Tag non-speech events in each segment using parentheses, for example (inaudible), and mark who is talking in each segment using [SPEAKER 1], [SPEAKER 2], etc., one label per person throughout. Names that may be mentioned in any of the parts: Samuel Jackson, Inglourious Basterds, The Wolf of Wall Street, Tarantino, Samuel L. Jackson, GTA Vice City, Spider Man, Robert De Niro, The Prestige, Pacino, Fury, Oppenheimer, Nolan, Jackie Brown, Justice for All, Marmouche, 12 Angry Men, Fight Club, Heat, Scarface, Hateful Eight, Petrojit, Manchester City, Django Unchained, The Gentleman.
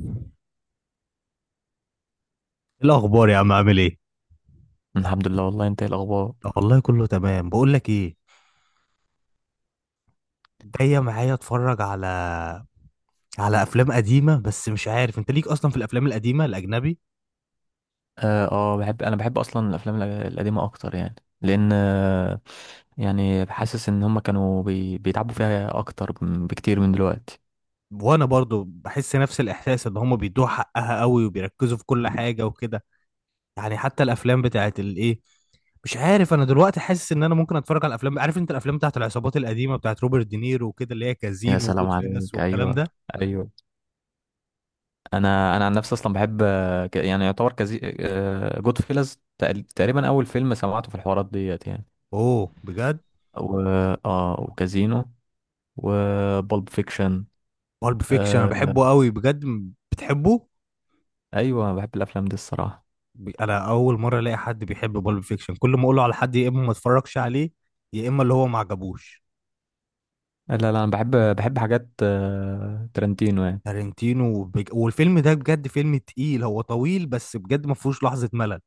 [SPEAKER 1] إيه الاخبار يا عم؟ عامل ايه؟
[SPEAKER 2] الحمد لله. والله انت ايه الاخبار؟
[SPEAKER 1] والله كله تمام. بقول لك ايه، جايه معايا اتفرج على افلام قديمه، بس مش عارف انت ليك اصلا في الافلام القديمه الاجنبي؟
[SPEAKER 2] اه بحب انا بحب اصلا الافلام القديمه اكتر يعني، لان يعني حاسس ان هم كانوا بيتعبوا فيها اكتر بكتير من دلوقتي.
[SPEAKER 1] وانا برضو بحس نفس الاحساس ان هم بيدوها حقها قوي وبيركزوا في كل حاجه وكده. يعني حتى الافلام بتاعت الايه، مش عارف، انا دلوقتي حاسس ان انا ممكن اتفرج على الافلام. عارف انت الافلام بتاعت العصابات القديمه بتاعت روبرت دينيرو وكده، اللي هي
[SPEAKER 2] يا
[SPEAKER 1] كازينو
[SPEAKER 2] سلام
[SPEAKER 1] وجود فينس
[SPEAKER 2] عليك،
[SPEAKER 1] والكلام
[SPEAKER 2] ايوه.
[SPEAKER 1] ده.
[SPEAKER 2] ايوه. انا عن نفسي اصلا بحب، يعني يعتبر كزي جود فيلز تقريبا اول فيلم سمعته في الحوارات ديت يعني.
[SPEAKER 1] اوه، بجد؟
[SPEAKER 2] و... اه، وكازينو وبولب فيكشن.
[SPEAKER 1] بالب فيكشن انا
[SPEAKER 2] آه...
[SPEAKER 1] بحبه قوي بجد، بتحبه؟
[SPEAKER 2] ايوه، بحب الافلام دي الصراحه.
[SPEAKER 1] انا اول مره الاقي حد بيحب بالب فيكشن، كل ما اقوله على حد يا اما ما اتفرجش عليه يا اما اللي هو ما عجبوش.
[SPEAKER 2] لا، انا بحب، بحب حاجات ترنتينو يعني.
[SPEAKER 1] تارنتينو والفيلم ده بجد فيلم تقيل، هو طويل بس بجد ما فيهوش لحظه ملل.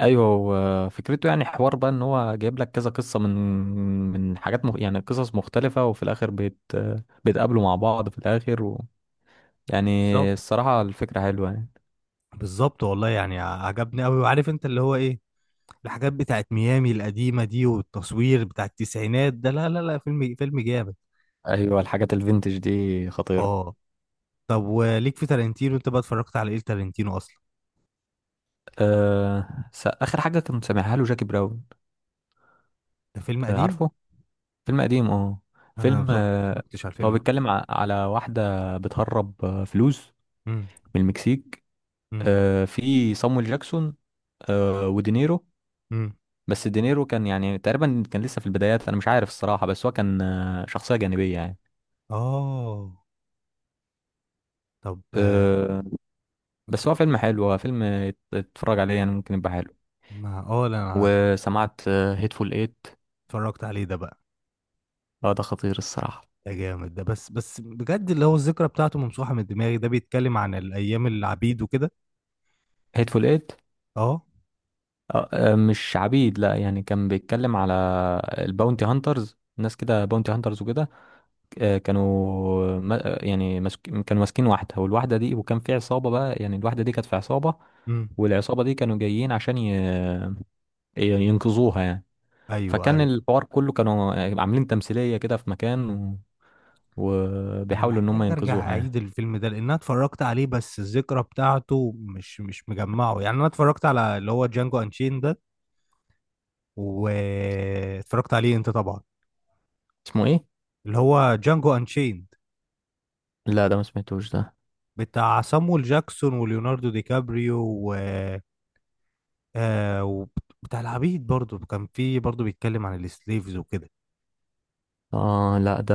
[SPEAKER 2] ايوه، هو فكرته يعني حوار بقى ان هو جايب لك كذا قصه من، يعني قصص مختلفه، وفي الاخر بيتقابلوا مع بعض في الاخر يعني.
[SPEAKER 1] بالظبط،
[SPEAKER 2] الصراحه الفكره حلوه يعني.
[SPEAKER 1] بالظبط والله، يعني عجبني قوي، وعارف انت اللي هو ايه، الحاجات بتاعت ميامي القديمه دي والتصوير بتاع التسعينات ده، لا لا لا، فيلم فيلم جامد.
[SPEAKER 2] ايوه، الحاجات الفينتج دي خطيره.
[SPEAKER 1] اه. طب وليك في تارنتينو انت بقى؟ اتفرجت على ايه تارنتينو اصلا؟
[SPEAKER 2] اخر حاجه كنت سامعها له جاكي براون.
[SPEAKER 1] ده فيلم
[SPEAKER 2] أه
[SPEAKER 1] قديم.
[SPEAKER 2] عارفه. فيلم قديم اه.
[SPEAKER 1] انا
[SPEAKER 2] فيلم
[SPEAKER 1] ما اتفرجتش على
[SPEAKER 2] هو
[SPEAKER 1] الفيلم ده.
[SPEAKER 2] بيتكلم على واحده بتهرب فلوس
[SPEAKER 1] امم.
[SPEAKER 2] من المكسيك.
[SPEAKER 1] امم.
[SPEAKER 2] في صامويل جاكسون، ودينيرو.
[SPEAKER 1] امم.
[SPEAKER 2] بس دينيرو كان يعني تقريبا كان لسه في البدايات، انا مش عارف الصراحة، بس هو كان شخصية جانبية يعني.
[SPEAKER 1] اه، طب
[SPEAKER 2] آه،
[SPEAKER 1] ما
[SPEAKER 2] بس هو فيلم
[SPEAKER 1] اتفرجتش.
[SPEAKER 2] حلو، هو فيلم تتفرج عليه يعني، ممكن يبقى حلو.
[SPEAKER 1] ما اه، لا انا،
[SPEAKER 2] وسمعت هيتفول ايت.
[SPEAKER 1] اتفرجت عليه ده بقى.
[SPEAKER 2] اه، ده خطير الصراحة.
[SPEAKER 1] ده جامد ده، بس بجد اللي هو الذكرى بتاعته ممسوحة من دماغي. ده بيتكلم عن الايام العبيد وكده.
[SPEAKER 2] هيتفول ايت
[SPEAKER 1] اه.
[SPEAKER 2] مش عبيد، لا، يعني كان بيتكلم على الباونتي هانترز، ناس كده باونتي هانترز وكده. آه، كانوا ما- آه، يعني كانوا ماسكين واحدة، والواحدة دي وكان في عصابة بقى، يعني الواحدة دي كانت في عصابة،
[SPEAKER 1] امم.
[SPEAKER 2] والعصابة دي كانوا جايين عشان ينقذوها يعني.
[SPEAKER 1] ايوه،
[SPEAKER 2] فكان
[SPEAKER 1] ايوه.
[SPEAKER 2] الحوار كله كانوا عاملين تمثيلية كده في مكان
[SPEAKER 1] انا
[SPEAKER 2] وبيحاولوا ان هم
[SPEAKER 1] محتاج ارجع
[SPEAKER 2] ينقذوها
[SPEAKER 1] اعيد
[SPEAKER 2] يعني.
[SPEAKER 1] الفيلم ده، لان انا اتفرجت عليه بس الذكرى بتاعته مش مجمعه، يعني. انا اتفرجت على اللي هو جانجو انشين ده، واتفرجت عليه انت طبعا؟
[SPEAKER 2] اسمه ايه؟
[SPEAKER 1] اللي هو جانجو انشين،
[SPEAKER 2] لا ده ما سمعتوش ده.
[SPEAKER 1] بتاع صامويل جاكسون وليوناردو دي كابريو و... آه، وبتاع العبيد برضو، كان في، برضو بيتكلم عن السليفز وكده.
[SPEAKER 2] اه لا، ده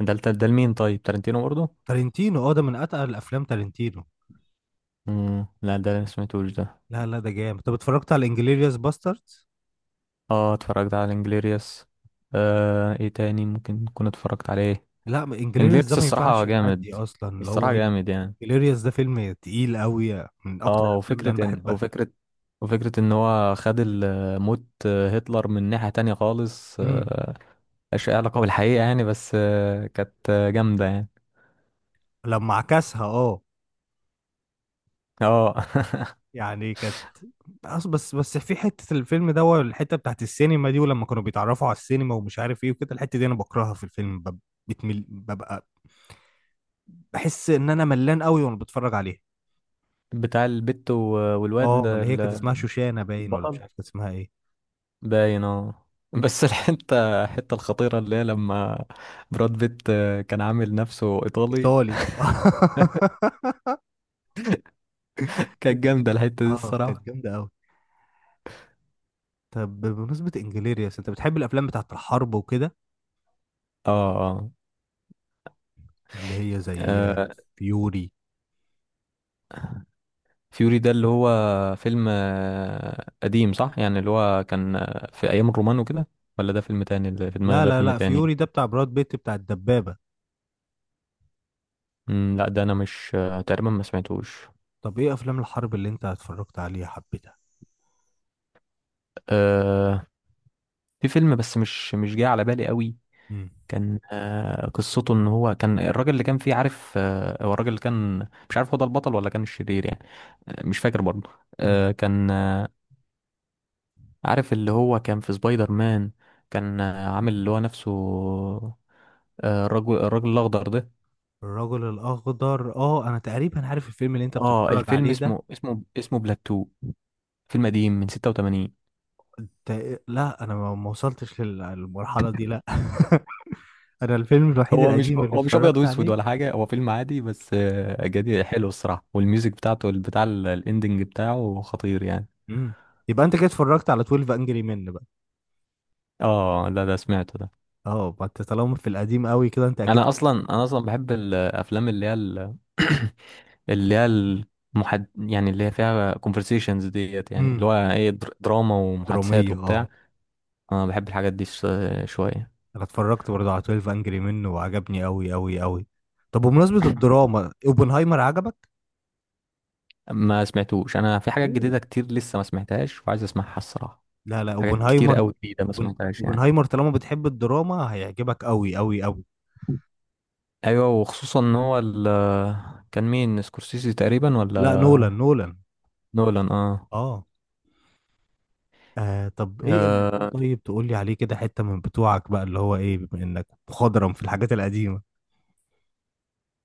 [SPEAKER 2] ده لمين؟ طيب تارنتينو برضو؟
[SPEAKER 1] تارنتينو، اه، ده من اتقل الافلام، تارنتينو.
[SPEAKER 2] مم. لا ده ما سمعتوش ده.
[SPEAKER 1] لا لا، ده جامد. طب اتفرجت على انجليريوس باستردز؟
[SPEAKER 2] اه، اتفرجت على انجليريوس. آه ايه تاني ممكن اكون اتفرجت عليه؟
[SPEAKER 1] لا، انجليريوس ده
[SPEAKER 2] انجليريوس
[SPEAKER 1] ما
[SPEAKER 2] الصراحة
[SPEAKER 1] ينفعش يعدي
[SPEAKER 2] جامد،
[SPEAKER 1] اصلا، اللي هو
[SPEAKER 2] الصراحة
[SPEAKER 1] ايه،
[SPEAKER 2] جامد يعني.
[SPEAKER 1] انجليريوس ده فيلم تقيل قوي، من اكتر
[SPEAKER 2] اه،
[SPEAKER 1] الافلام اللي انا بحبها.
[SPEAKER 2] وفكرة ان هو خد موت هتلر من ناحية تانية خالص،
[SPEAKER 1] امم.
[SPEAKER 2] ملهاش أي علاقة بالحقيقة يعني، بس آه، كانت آه، جامدة يعني.
[SPEAKER 1] لما عكسها، اه.
[SPEAKER 2] اه (laughs)
[SPEAKER 1] يعني كانت، بس في حته الفيلم ده والحته بتاعت السينما دي، ولما كانوا بيتعرفوا على السينما ومش عارف ايه وكده، الحته دي انا بكرهها في الفيلم، بتمل ببقى، بحس ان انا ملان قوي وانا بتفرج عليها.
[SPEAKER 2] بتاع البت والواد
[SPEAKER 1] اه،
[SPEAKER 2] ده
[SPEAKER 1] اللي هي كانت اسمها شوشانه باين ولا مش
[SPEAKER 2] البطل
[SPEAKER 1] عارف كانت اسمها ايه.
[SPEAKER 2] باين اه. بس الحتة الخطيرة اللي هي لما براد بيت كان عامل نفسه إيطالي.
[SPEAKER 1] ايطالي (laughs)
[SPEAKER 2] (laughs) كانت جامدة الحتة دي
[SPEAKER 1] اه، كانت
[SPEAKER 2] الصراحة.
[SPEAKER 1] جامده قوي. طب بمناسبه انجليريس، انت بتحب الافلام بتاعت الحرب وكده،
[SPEAKER 2] اه. اه
[SPEAKER 1] اللي هي زي
[SPEAKER 2] آه،
[SPEAKER 1] فيوري.
[SPEAKER 2] فيوري ده اللي هو فيلم قديم صح؟ يعني اللي هو كان في أيام الرومان وكده، ولا ده فيلم تاني؟ اللي في
[SPEAKER 1] لا
[SPEAKER 2] دماغي ده
[SPEAKER 1] لا
[SPEAKER 2] فيلم
[SPEAKER 1] لا،
[SPEAKER 2] تاني.
[SPEAKER 1] فيوري ده بتاع براد بيت، بتاع الدبابه.
[SPEAKER 2] مم، لا ده أنا مش تقريبا ما سمعتوش.
[SPEAKER 1] طب ايه افلام الحرب اللي انت اتفرجت عليها حبيتها؟
[SPEAKER 2] أه في فيلم بس مش، مش جاي على بالي قوي.
[SPEAKER 1] امم.
[SPEAKER 2] كان قصته ان هو كان الراجل اللي كان فيه، عارف هو الراجل اللي كان، مش عارف هو ده البطل ولا كان الشرير يعني. مش فاكر برضه.
[SPEAKER 1] امم.
[SPEAKER 2] آه، كان آه، عارف اللي هو كان في سبايدر مان، كان عامل اللي هو نفسه الراجل الاخضر ده.
[SPEAKER 1] الرجل الاخضر، اه، انا تقريبا عارف الفيلم اللي انت
[SPEAKER 2] اه
[SPEAKER 1] بتتفرج
[SPEAKER 2] الفيلم
[SPEAKER 1] عليه ده.
[SPEAKER 2] اسمه اسمه بلاتو، فيلم قديم من 86.
[SPEAKER 1] لا انا ما وصلتش للمرحله دي، لا (laughs) انا الفيلم الوحيد اه
[SPEAKER 2] هو مش
[SPEAKER 1] القديم اللي
[SPEAKER 2] هو مش ابيض
[SPEAKER 1] اتفرجت
[SPEAKER 2] واسود
[SPEAKER 1] عليه.
[SPEAKER 2] ولا حاجه، هو فيلم عادي بس جديد حلو الصراحه، والميوزك بتاعته بتاع الاندنج بتاعه خطير يعني.
[SPEAKER 1] امم. يبقى انت كده اتفرجت على 12 انجري مان بقى؟
[SPEAKER 2] اه لا ده سمعته ده.
[SPEAKER 1] اه، ما انت طالما في القديم قوي كده انت اكيد.
[SPEAKER 2] انا اصلا بحب الافلام اللي هي (clears throat) اللي هي المحد يعني، اللي هي فيها كونفرسيشنز ديت، يعني اللي
[SPEAKER 1] امم.
[SPEAKER 2] هو ايه، دراما ومحادثات
[SPEAKER 1] دراميه، اه.
[SPEAKER 2] وبتاع. انا بحب الحاجات دي شويه.
[SPEAKER 1] انا اتفرجت برضه على 12 انجري مان وعجبني قوي قوي قوي. طب بمناسبه الدراما، اوبنهايمر عجبك؟
[SPEAKER 2] ما سمعتوش، انا في حاجات
[SPEAKER 1] اوه.
[SPEAKER 2] جديده كتير لسه ما سمعتهاش وعايز اسمعها الصراحه.
[SPEAKER 1] لا لا،
[SPEAKER 2] حاجات كتير
[SPEAKER 1] اوبنهايمر،
[SPEAKER 2] قوي جديده ما
[SPEAKER 1] أوبن...
[SPEAKER 2] سمعتهاش يعني.
[SPEAKER 1] اوبنهايمر طالما بتحب الدراما هيعجبك قوي قوي قوي.
[SPEAKER 2] ايوه، وخصوصا ان هو ال، كان مين سكورسيزي تقريبا ولا؟
[SPEAKER 1] لا، نولان، نولان.
[SPEAKER 2] نولان اه.
[SPEAKER 1] اه. آه، طب ايه القديم؟
[SPEAKER 2] آه,
[SPEAKER 1] طيب تقول لي عليه كده حته من بتوعك بقى، اللي هو ايه، بما انك مخضرم في الحاجات القديمه.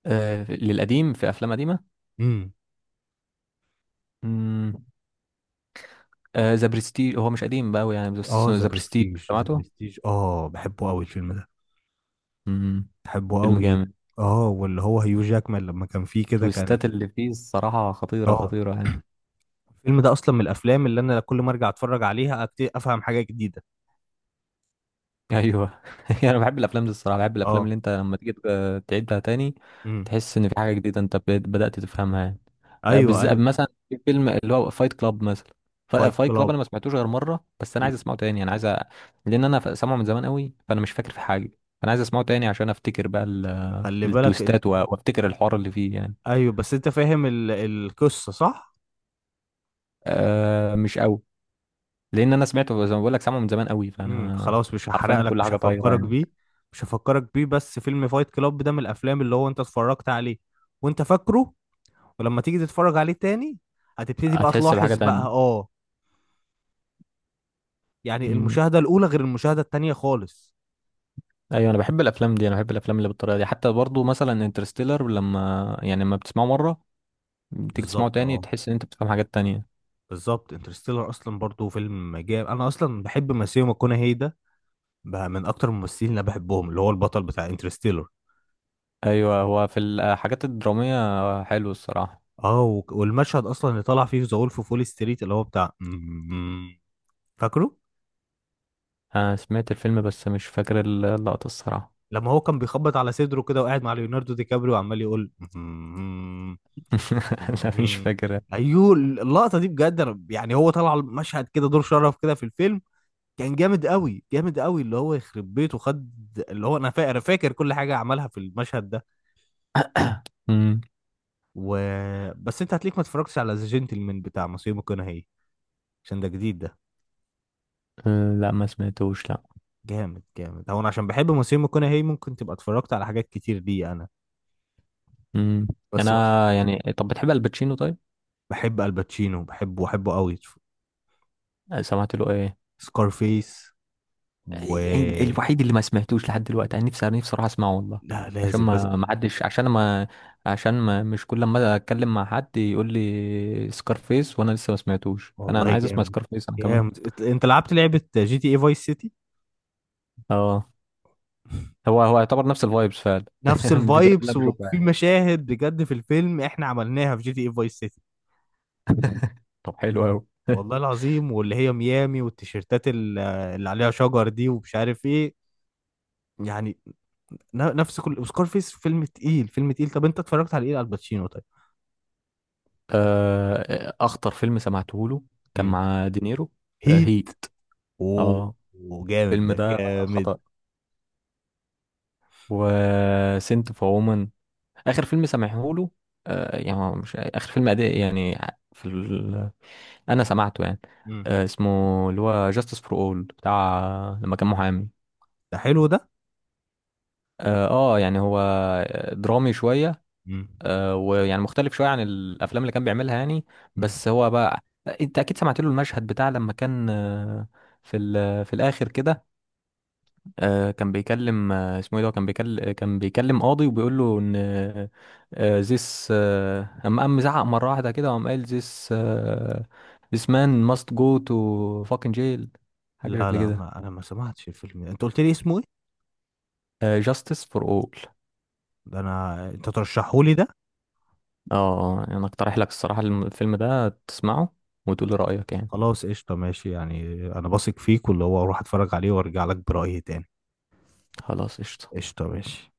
[SPEAKER 2] آه للقديم، في افلام قديمه.
[SPEAKER 1] امم.
[SPEAKER 2] امم. آه ذا برستيج، هو مش قديم بقى أوي يعني، بس
[SPEAKER 1] اه،
[SPEAKER 2] اسمه
[SPEAKER 1] ذا
[SPEAKER 2] ذا برستيج،
[SPEAKER 1] برستيج، ذا
[SPEAKER 2] سمعته؟
[SPEAKER 1] برستيج، اه، بحبه قوي الفيلم ده.
[SPEAKER 2] امم.
[SPEAKER 1] بحبه
[SPEAKER 2] فيلم
[SPEAKER 1] قوي.
[SPEAKER 2] جامد.
[SPEAKER 1] اه، واللي هو هيو جاكمان لما كان فيه كده كان،
[SPEAKER 2] التويستات اللي فيه الصراحه خطيره،
[SPEAKER 1] اه،
[SPEAKER 2] خطيره يعني.
[SPEAKER 1] الفيلم ده اصلا من الافلام اللي انا كل ما ارجع اتفرج عليها افهم حاجه جديده.
[SPEAKER 2] ايوه (laughs) انا بحب الافلام دي الصراحه، بحب الافلام
[SPEAKER 1] اه.
[SPEAKER 2] اللي انت لما تيجي تعيدها تاني،
[SPEAKER 1] امم.
[SPEAKER 2] تحس ان في حاجه جديده انت بدات تفهمها يعني.
[SPEAKER 1] ايوه،
[SPEAKER 2] بالذات
[SPEAKER 1] ايوه.
[SPEAKER 2] مثلا في فيلم اللي هو فايت كلاب مثلا.
[SPEAKER 1] فايت
[SPEAKER 2] فايت كلاب
[SPEAKER 1] كلاب،
[SPEAKER 2] انا ما سمعتوش غير مره، بس انا عايز اسمعه تاني، انا عايز لان انا سامعه من زمان قوي، فانا مش فاكر في حاجه، فانا عايز اسمعه تاني عشان افتكر بقى
[SPEAKER 1] خلي بالك انت.
[SPEAKER 2] التويستات وافتكر الحوار اللي فيه يعني.
[SPEAKER 1] ايوه، بس انت فاهم ال... القصه صح؟
[SPEAKER 2] أه مش قوي، لان انا سمعته زي ما بقول لك، سامعه من زمان قوي،
[SPEAKER 1] امم،
[SPEAKER 2] فانا
[SPEAKER 1] خلاص، مش هحرق
[SPEAKER 2] حرفيا
[SPEAKER 1] لك،
[SPEAKER 2] كل
[SPEAKER 1] مش
[SPEAKER 2] حاجه طايره
[SPEAKER 1] هفكرك
[SPEAKER 2] يعني.
[SPEAKER 1] بيه، مش هفكرك بيه. بس فيلم فايت كلاب ده من الافلام اللي هو انت اتفرجت عليه وانت فاكره، ولما تيجي تتفرج عليه تاني هتبتدي بقى
[SPEAKER 2] هتحس بحاجه
[SPEAKER 1] تلاحظ بقى،
[SPEAKER 2] تانية.
[SPEAKER 1] اه، يعني المشاهدة الأولى غير المشاهدة التانية خالص.
[SPEAKER 2] ايوه انا بحب الافلام دي، انا بحب الافلام اللي بالطريقه دي. حتى برضو مثلا انترستيلر، لما يعني لما بتسمعه مره، بتيجي تسمعه
[SPEAKER 1] بالظبط،
[SPEAKER 2] تاني
[SPEAKER 1] اه،
[SPEAKER 2] تحس ان انت بتفهم حاجات تانية.
[SPEAKER 1] بالظبط. انترستيلر أصلا برضو فيلم جامد، أنا أصلا بحب ماسيو ماكونهي ده، بقى من أكتر الممثلين اللي أنا بحبهم، اللي هو البطل بتاع انترستيلر.
[SPEAKER 2] ايوه، هو في الحاجات الدراميه حلو الصراحه.
[SPEAKER 1] اه، والمشهد أصلا اللي طلع فيه ذا وولف أوف وول ستريت، اللي هو بتاع (laughs) فاكره؟
[SPEAKER 2] انا سمعت الفيلم بس مش فاكر اللقطه الصراحه.
[SPEAKER 1] لما هو كان بيخبط على صدره كده وقاعد مع ليوناردو دي كابريو وعمال يقول (laughs) مم.
[SPEAKER 2] (laughs) لا مش فاكر.
[SPEAKER 1] ايوه، اللقطه دي بجد، انا يعني هو طلع مشهد كده دور شرف كده في الفيلم، كان جامد قوي، جامد قوي، اللي هو يخرب بيته خد، اللي هو انا فاكر، فاكر كل حاجه عملها في المشهد ده
[SPEAKER 2] امم.
[SPEAKER 1] و... بس انت هتليك ما اتفرجتش على ذا جنتلمان بتاع ماسيمو ماكونهي، عشان ده جديد. ده
[SPEAKER 2] لا ما سمعتوش لا.
[SPEAKER 1] جامد جامد، هو انا عشان بحب ماسيمو ماكونهي ممكن تبقى اتفرجت على حاجات كتير دي انا،
[SPEAKER 2] امم.
[SPEAKER 1] بس
[SPEAKER 2] انا، يعني طب بتحب الباتشينو طيب؟
[SPEAKER 1] بحب الباتشينو، بحبه، بحبه قوي.
[SPEAKER 2] سمعت له ايه؟
[SPEAKER 1] سكارفيس و
[SPEAKER 2] يعني الوحيد اللي ما سمعتوش لحد دلوقتي، انا نفسي، انا نفسي اروح اسمعه والله.
[SPEAKER 1] لا،
[SPEAKER 2] عشان
[SPEAKER 1] لازم، لازم.
[SPEAKER 2] ما حدش، عشان ما، عشان ما، مش كل ما اتكلم مع حد يقول لي سكارفيس وانا لسه ما سمعتوش، فانا، انا
[SPEAKER 1] والله
[SPEAKER 2] عايز اسمع
[SPEAKER 1] جامد،
[SPEAKER 2] سكارفيس انا كمان.
[SPEAKER 1] جامد، انت لعبت لعبة جي تي اي فايس سيتي؟
[SPEAKER 2] اه. هو يعتبر نفس الفايبس فعلا (laughs)
[SPEAKER 1] نفس
[SPEAKER 2] من الفيديوهات اللي
[SPEAKER 1] الفايبس،
[SPEAKER 2] انا بشوفها
[SPEAKER 1] وفي
[SPEAKER 2] يعني.
[SPEAKER 1] مشاهد بجد في الفيلم احنا عملناها في جي تي اي فايس سيتي،
[SPEAKER 2] طب حلو قوي
[SPEAKER 1] والله
[SPEAKER 2] (laughs)
[SPEAKER 1] العظيم، واللي هي ميامي والتيشيرتات اللي عليها شجر دي ومش عارف ايه يعني، نفس كل سكار فيس، فيلم تقيل، فيلم تقيل. طب انت اتفرجت على ايه على الباتشينو طيب؟
[SPEAKER 2] اخطر فيلم سمعته له كان
[SPEAKER 1] امم.
[SPEAKER 2] مع دينيرو.
[SPEAKER 1] هيت.
[SPEAKER 2] هي.
[SPEAKER 1] اوه.
[SPEAKER 2] اه.
[SPEAKER 1] أوه، جامد
[SPEAKER 2] الفيلم
[SPEAKER 1] ده،
[SPEAKER 2] ده
[SPEAKER 1] جامد.
[SPEAKER 2] خطأ. وسنت فور اخر فيلم سامعهوله. آه يعني هو مش اخر فيلم أداء يعني، في ال... انا سمعته يعني.
[SPEAKER 1] امم.
[SPEAKER 2] آه اسمه اللي هو جاستس فور اول، بتاع لما كان محامي.
[SPEAKER 1] ده حلو ده.
[SPEAKER 2] اه يعني هو درامي شويه،
[SPEAKER 1] امم.
[SPEAKER 2] آه ويعني مختلف شويه عن الافلام اللي كان بيعملها يعني.
[SPEAKER 1] امم.
[SPEAKER 2] بس هو بقى انت اكيد سمعت له المشهد بتاع لما كان في الاخر كده، آه كان بيكلم، كان بيكلم قاضي وبيقول له ان this اما قام زعق مره واحده كده وقام قال this this man must go to fucking jail، حاجه
[SPEAKER 1] لا
[SPEAKER 2] شكل
[SPEAKER 1] لا،
[SPEAKER 2] كده.
[SPEAKER 1] ما انا ما سمعتش الفيلم ده. انت قلت لي اسمه إيه؟
[SPEAKER 2] آه justice for all.
[SPEAKER 1] ده انا انت ترشحهولي ده؟
[SPEAKER 2] اه انا اقترح لك الصراحه الفيلم ده تسمعه وتقول لي رايك يعني.
[SPEAKER 1] خلاص قشطه، ماشي يعني. انا بثق فيك، واللي هو اروح اتفرج عليه وارجع لك برأيي تاني.
[SPEAKER 2] خلاص قشطه.
[SPEAKER 1] قشطه، ماشي.